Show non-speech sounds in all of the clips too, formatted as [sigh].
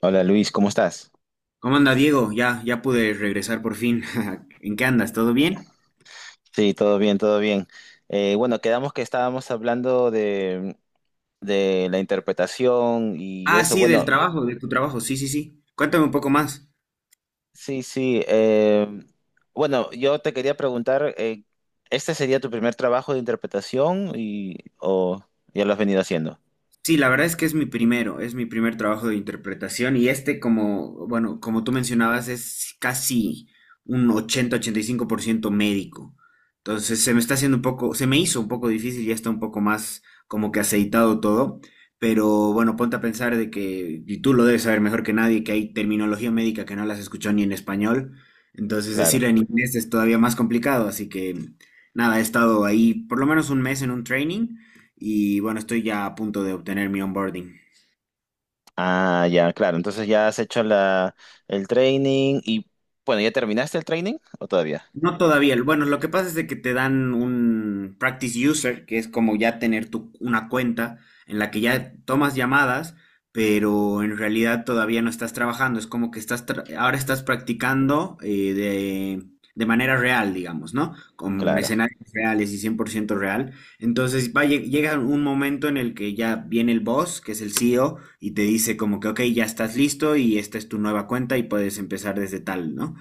Hola Luis, ¿cómo estás? ¿Cómo anda Diego? Ya, ya pude regresar por fin. [laughs] ¿En qué andas? ¿Todo bien? Sí, todo bien, todo bien. Bueno, quedamos que estábamos hablando de la interpretación y Ah, eso. sí, del Bueno, trabajo, de tu trabajo. Sí, sí, sí. Cuéntame un poco más. sí, sí. Bueno, yo te quería preguntar, ¿este sería tu primer trabajo de interpretación y o ya lo has venido haciendo? Sí, la verdad es que es mi primer trabajo de interpretación y este como, bueno, como tú mencionabas, es casi un 80-85% médico. Entonces se me hizo un poco difícil, ya está un poco más como que aceitado todo, pero bueno, ponte a pensar de que, y tú lo debes saber mejor que nadie, que hay terminología médica que no las escuchado ni en español, entonces decirla Claro. en inglés es todavía más complicado, así que nada, he estado ahí por lo menos un mes en un training y bueno, estoy ya a punto de obtener mi onboarding. Ah, ya, claro. Entonces ya has hecho el training y bueno, ¿ya terminaste el training o todavía? No todavía. Bueno, lo que pasa es de que te dan un practice user, que es como ya tener una cuenta en la que ya tomas llamadas, pero en realidad todavía no estás trabajando. Es como que estás ahora estás practicando de manera real, digamos, ¿no? Con Claro, escenarios reales y 100% real. Entonces va, llega un momento en el que ya viene el boss, que es el CEO, y te dice como que, ok, ya estás listo y esta es tu nueva cuenta y puedes empezar desde tal, ¿no?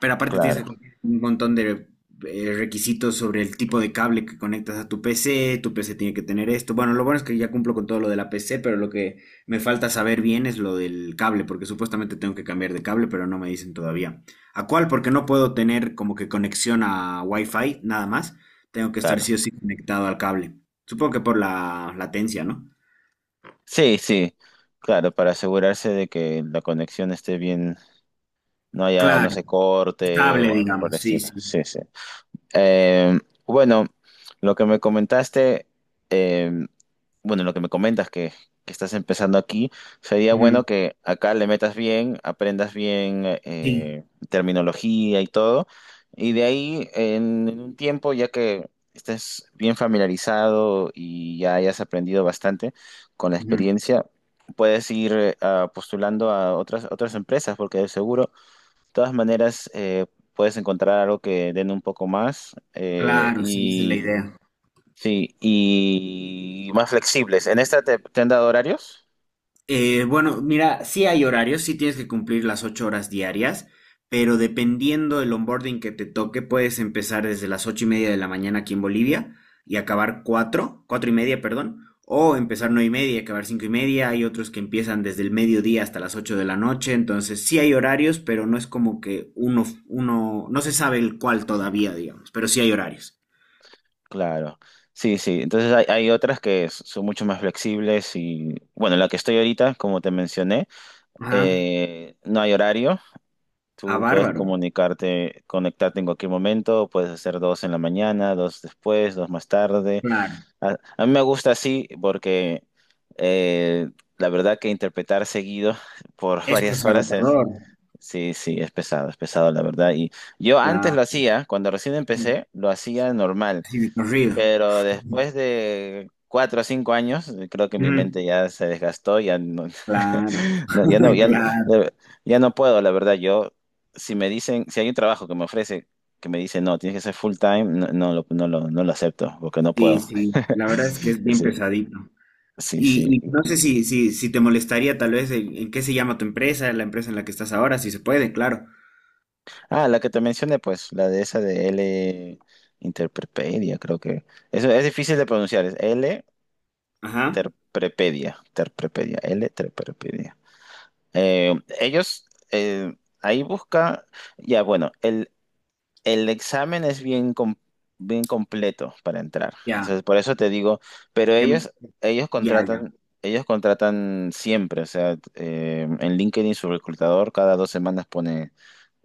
Pero aparte tienes que claro, cumplir un montón de requisitos sobre el tipo de cable que conectas a tu PC, tu PC tiene que tener esto. Bueno, lo bueno es que ya cumplo con todo lo de la PC, pero lo que me falta saber bien es lo del cable, porque supuestamente tengo que cambiar de cable, pero no me dicen todavía. ¿A cuál? Porque no puedo tener como que conexión a Wi-Fi, nada más. Tengo que estar sí o claro. sí conectado al cable. Supongo que por la latencia, ¿no? Sí, sí, claro, para asegurarse de que la conexión esté bien, no haya, no Claro, se corte estable, o algo por digamos, el sí, estilo. sí. Sí, sí. Eh, bueno, lo que me comentaste, eh, bueno, lo que me comentas que estás empezando aquí, sería bueno Ujú, que acá le metas bien, aprendas bien sí, terminología y todo, y de ahí en un tiempo, ya que estés bien familiarizado y ya hayas aprendido bastante con la ujú, experiencia, puedes ir postulando a otras empresas, porque de seguro todas maneras, puedes encontrar algo que den un poco más claro, sí, esa es la y idea. sí, y más flexibles. ¿En esta te han dado horarios? Bueno, mira, sí hay horarios, sí tienes que cumplir las 8 horas diarias, pero dependiendo del onboarding que te toque, puedes empezar desde las 8:30 de la mañana aquí en Bolivia y acabar cuatro, 4:30, perdón, o empezar 9:30 y acabar 5:30. Hay otros que empiezan desde el mediodía hasta las 8 de la noche, entonces sí hay horarios, pero no es como que uno, uno, no se sabe el cuál todavía, digamos, pero sí hay horarios. Claro. Sí, sí. Entonces hay otras que son mucho más flexibles y bueno, la que estoy ahorita, como te mencioné, Ajá, no hay horario. a Tú puedes bárbaro, comunicarte, conectarte en cualquier momento, puedes hacer dos en la mañana, dos después, dos más tarde. claro. A mí me gusta así porque eh, la verdad que interpretar seguido por [laughs] Esto varias es horas es, agotador, sí, sí, es pesado la verdad. Y yo antes claro. lo hacía, cuando recién empecé, lo hacía normal, Sí, de corrido. pero después de 4 o 5 años, creo que mi Mm, mente ya se desgastó, ya no, claro, [laughs] no, ya no, [laughs] ya no, claro, de- ya no puedo, la verdad. Yo, si me dicen, si hay un trabajo que me ofrece, que me dice, no, tienes que ser full time, no, no lo acepto, porque no sí, puedo. sí, la verdad es que es [laughs] bien Sí. pesadito. Sí, sí. Y no sé si, te molestaría tal vez en qué se llama tu empresa, la empresa en la que estás ahora, si se puede, claro. Ah, la que te mencioné, pues, la de esa de L Interprepedia, creo que. Eso es difícil de pronunciar, es L Ajá, Terprepedia, Terprepedia, L Terprepedia. Eh, Ellos ahí busca, ya bueno, el examen es bien, bien completo para entrar. O ya, sea, por eso te digo, pero em, ellos ya, ya. contratan, ellos contratan siempre, o sea, en LinkedIn su reclutador cada 2 semanas pone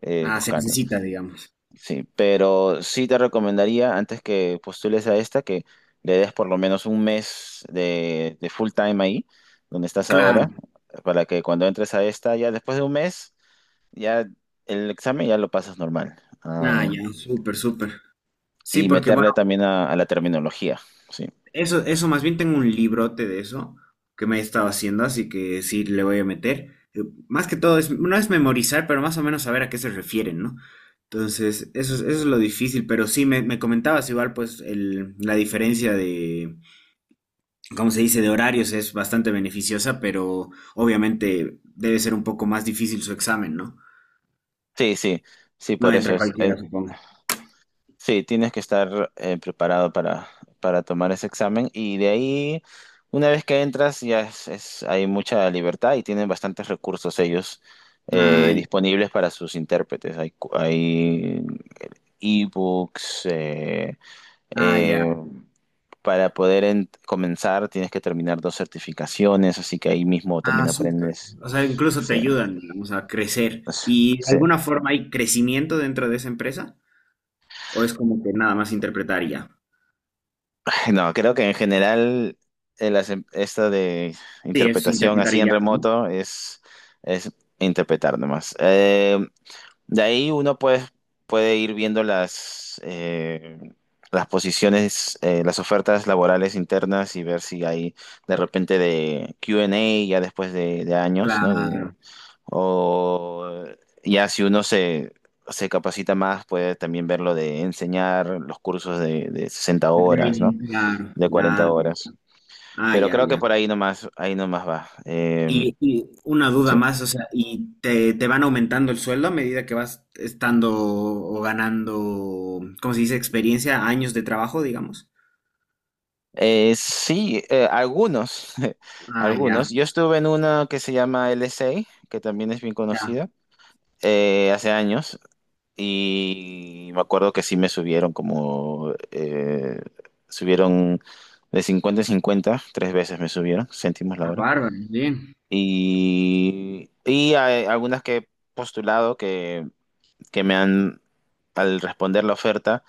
Ah, se buscando. necesita, digamos. Sí, pero sí te recomendaría antes que postules a esta que le des por lo menos un mes de full time ahí, donde estás Claro. ahora, para que cuando entres a esta, ya después de un mes, ya el examen ya lo pasas normal. Ah, Ah, ya, súper, súper. Sí, y porque meterle también a la terminología. Sí, eso, más bien tengo un librote de eso que me he estado haciendo, así que sí le voy a meter. Más que todo, es, no es memorizar, pero más o menos saber a qué se refieren, ¿no? Entonces, eso, eso es lo difícil, pero sí me, comentabas igual, pues la diferencia de, ¿cómo se dice?, de horarios es bastante beneficiosa, pero obviamente debe ser un poco más difícil su examen, ¿no? sí, sí, sí, No por eso entra es. cualquiera, supongo. Sí, tienes que estar preparado para tomar ese examen y de ahí, una vez que entras, ya es, hay mucha libertad y tienen bastantes recursos ellos Ay, disponibles para sus intérpretes. Hay ebooks, ay. eh, para poder comenzar tienes que terminar dos certificaciones, así que ahí mismo también Ah, súper. aprendes. O sea, incluso te Sí, ayudan, digamos, a crecer. ¿Y de sí. alguna forma hay crecimiento dentro de esa empresa? ¿O es como que nada más interpretar y ya? [laughs] No, creo que en general esta de Sí, es interpretación interpretar así y en ya, ¿no? remoto es interpretar nomás. De ahí uno puede ir viendo las posiciones, las ofertas laborales internas y ver si hay de repente de Q&A ya después de años, ¿no? Claro. O ya si uno se capacita más, puede también ver lo de enseñar los cursos de 60 horas, ¿no? Training, claro. De 40 Ya. horas. Ah, Pero ya, creo que ya. por ahí nomás va. Eh, Y una duda sí, más, o sea, ¿y te van aumentando el sueldo a medida que vas estando o ganando, ¿cómo se dice? Experiencia, años de trabajo, digamos. sí algunos, [laughs] Ah, ya, algunos. Yo estuve en una que se llama LSA, que también es bien ya. conocida, hace años, y me acuerdo que sí me subieron subieron de 50 en 50 tres veces me subieron, céntimos la Ah, hora. bárbaro, bien. Y hay algunas que he postulado que me han, al responder la oferta,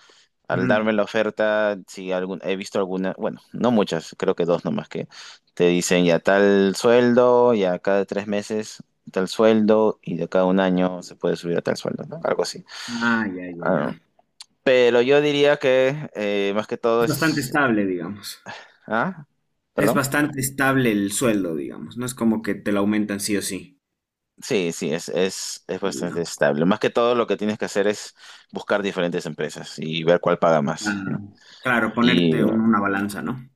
Al Ujú. darme la oferta, sí, he visto algunas, bueno, no muchas, creo que dos nomás que te dicen ya tal sueldo, ya cada 3 meses tal sueldo y de cada un año se puede subir a tal sueldo, ¿no? Algo así. Ah, ya, ya, ya. Ah, pero yo diría que más que todo Es bastante es. estable, digamos. ¿Ah? Es ¿Perdón? bastante estable el sueldo, digamos. No es como que te lo aumentan sí o sí. Sí, sí, es Ah, ya. bastante estable. Más que todo lo que tienes que hacer es buscar diferentes empresas y ver cuál paga más, ¿no? Claro, claro, ponerte Y una balanza, ¿no?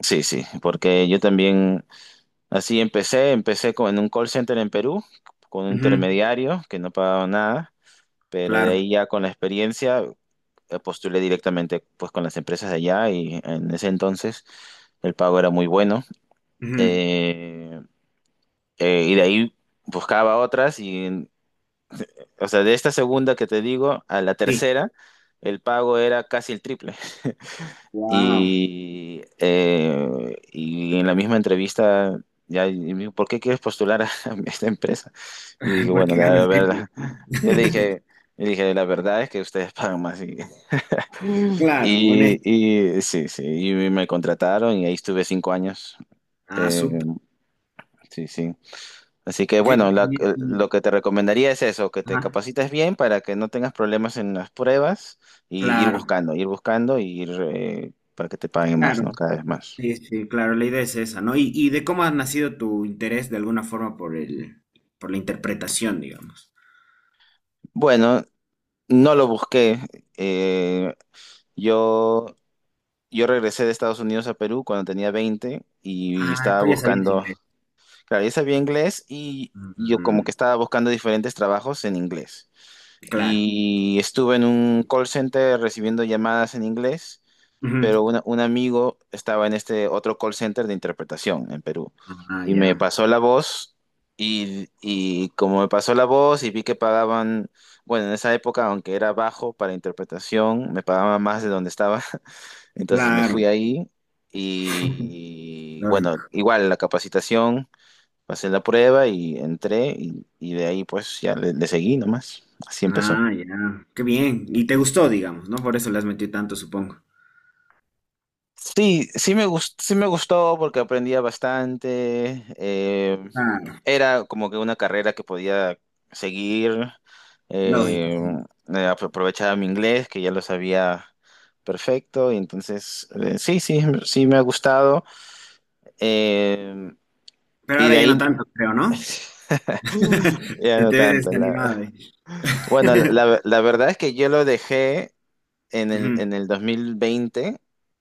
sí, sí, porque yo también. Así empecé en un call center en Perú, con un Ujú, intermediario que no pagaba nada, pero de claro. ahí ya con la experiencia postulé directamente pues con las empresas de allá y en ese entonces el pago era muy bueno. Ujú, Eh, y de ahí buscaba otras y, o sea, de esta segunda que te digo a la sí. tercera, el pago era casi el triple. Wow. Y en la misma entrevista, ya, y me dijo, ¿por qué quieres postular a [laughs] esta empresa? Y dije, [laughs] bueno, Porque gano la el triple, verdad, [laughs] ¿no? yo le dije, le dije, la verdad es que ustedes [laughs] pagan más. Y, [laughs] Claro, honesto. y sí, sí, y me contrataron y ahí estuve 5 años. Ah, Eh, súper. sí, sí. Así que bueno, ¿Qué? Lo que te recomendaría es eso, que te Ajá, capacites bien para que no tengas problemas en las pruebas y ir claro, buscando, y ir para que te paguen más, claro. ¿no? Cada vez más. Sí, sí, claro, la idea es esa, ¿no? Y de cómo ha nacido tu interés de alguna forma por por la interpretación, digamos. Bueno, no lo busqué. Eh, yo, yo regresé de Estados Unidos a Perú cuando tenía 20 y Ah, estaba tú ya sabías buscando, inglés. claro, yo sabía inglés y yo como Mm, que estaba buscando diferentes trabajos en inglés. claro. Y estuve en un call center recibiendo llamadas en inglés Ujú. pero un amigo estaba en este otro call center de interpretación en Perú Ah, y me ya. pasó la voz y como me pasó la voz y vi que pagaban, bueno, en esa época, aunque era bajo para interpretación, me pagaban más de donde estaba, [laughs] entonces me Claro, fui ahí y bueno, lógico. igual la capacitación, pasé la prueba y entré y de ahí pues ya le seguí nomás, así empezó. Ah, ya. Qué bien. Y te gustó, digamos, ¿no? Por eso le has metido tanto, supongo. Sí, sí me gustó porque aprendía bastante. Claro, Era como que una carrera que podía seguir. lógico, eh, sí. Aprovechaba mi inglés, que ya lo sabía perfecto. Y entonces, sí, sí, sí me ha gustado. eh, Pero y ahora de ya no ahí tanto, creo, ¿no? [laughs] [laughs] ya Se no te ve tanto. Desanimado, eh. Bueno, [laughs] la verdad es que yo lo dejé en el, Ujú, 2020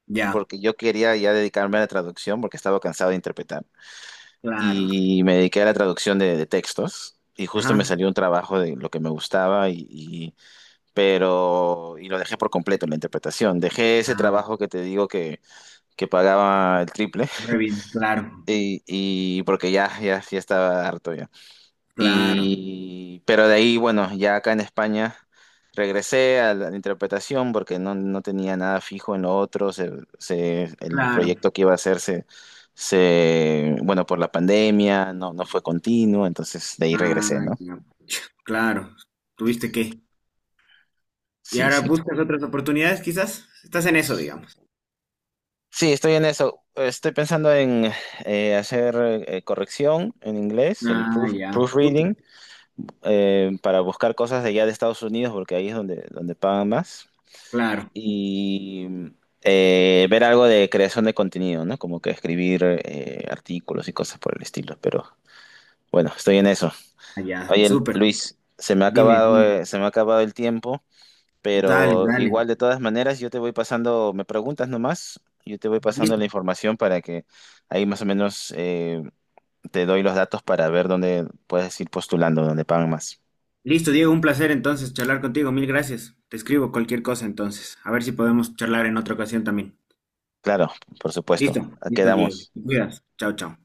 ya, porque yo quería ya dedicarme a la traducción porque estaba cansado de interpretar. claro. Y me dediqué a la traducción de textos y justo Ajá. me salió un trabajo de lo que me gustaba pero y lo dejé por completo en la interpretación. Dejé ese Ah, trabajo que te digo que pagaba el triple muy bien, [laughs] claro, y porque ya, ya, ya estaba harto ya. claro, Y, pero de ahí, bueno, ya acá en España regresé a la interpretación porque no tenía nada fijo en lo otro. El claro. proyecto que iba a hacer bueno, por la pandemia no fue continuo, entonces de ahí regresé, Ah, ¿no? ya, claro. ¿Tuviste qué? ¿Y Sí, ahora sí. buscas otras oportunidades, quizás? Estás en eso, digamos. Sí, estoy en eso. Estoy pensando en hacer corrección en inglés, el Ah, ya, súper, proofreading, para buscar cosas de allá de Estados Unidos porque ahí es donde, donde pagan más. claro. Y ver algo de creación de contenido, ¿no? Como que escribir artículos y cosas por el estilo, pero bueno, estoy en eso. Ah, ya, Oye, súper. Luis, Dime, dime. Se me ha acabado el tiempo, Dale, pero dale. igual de todas maneras yo te voy pasando, me preguntas nomás, yo te voy pasando Listo, la información para que ahí más o menos te doy los datos para ver dónde puedes ir postulando, dónde pagan más. listo, Diego, un placer entonces charlar contigo. Mil gracias. Te escribo cualquier cosa entonces. A ver si podemos charlar en otra ocasión también. Claro, por supuesto. Listo, listo, Diego. Quedamos. Te cuidas. Chao, chao.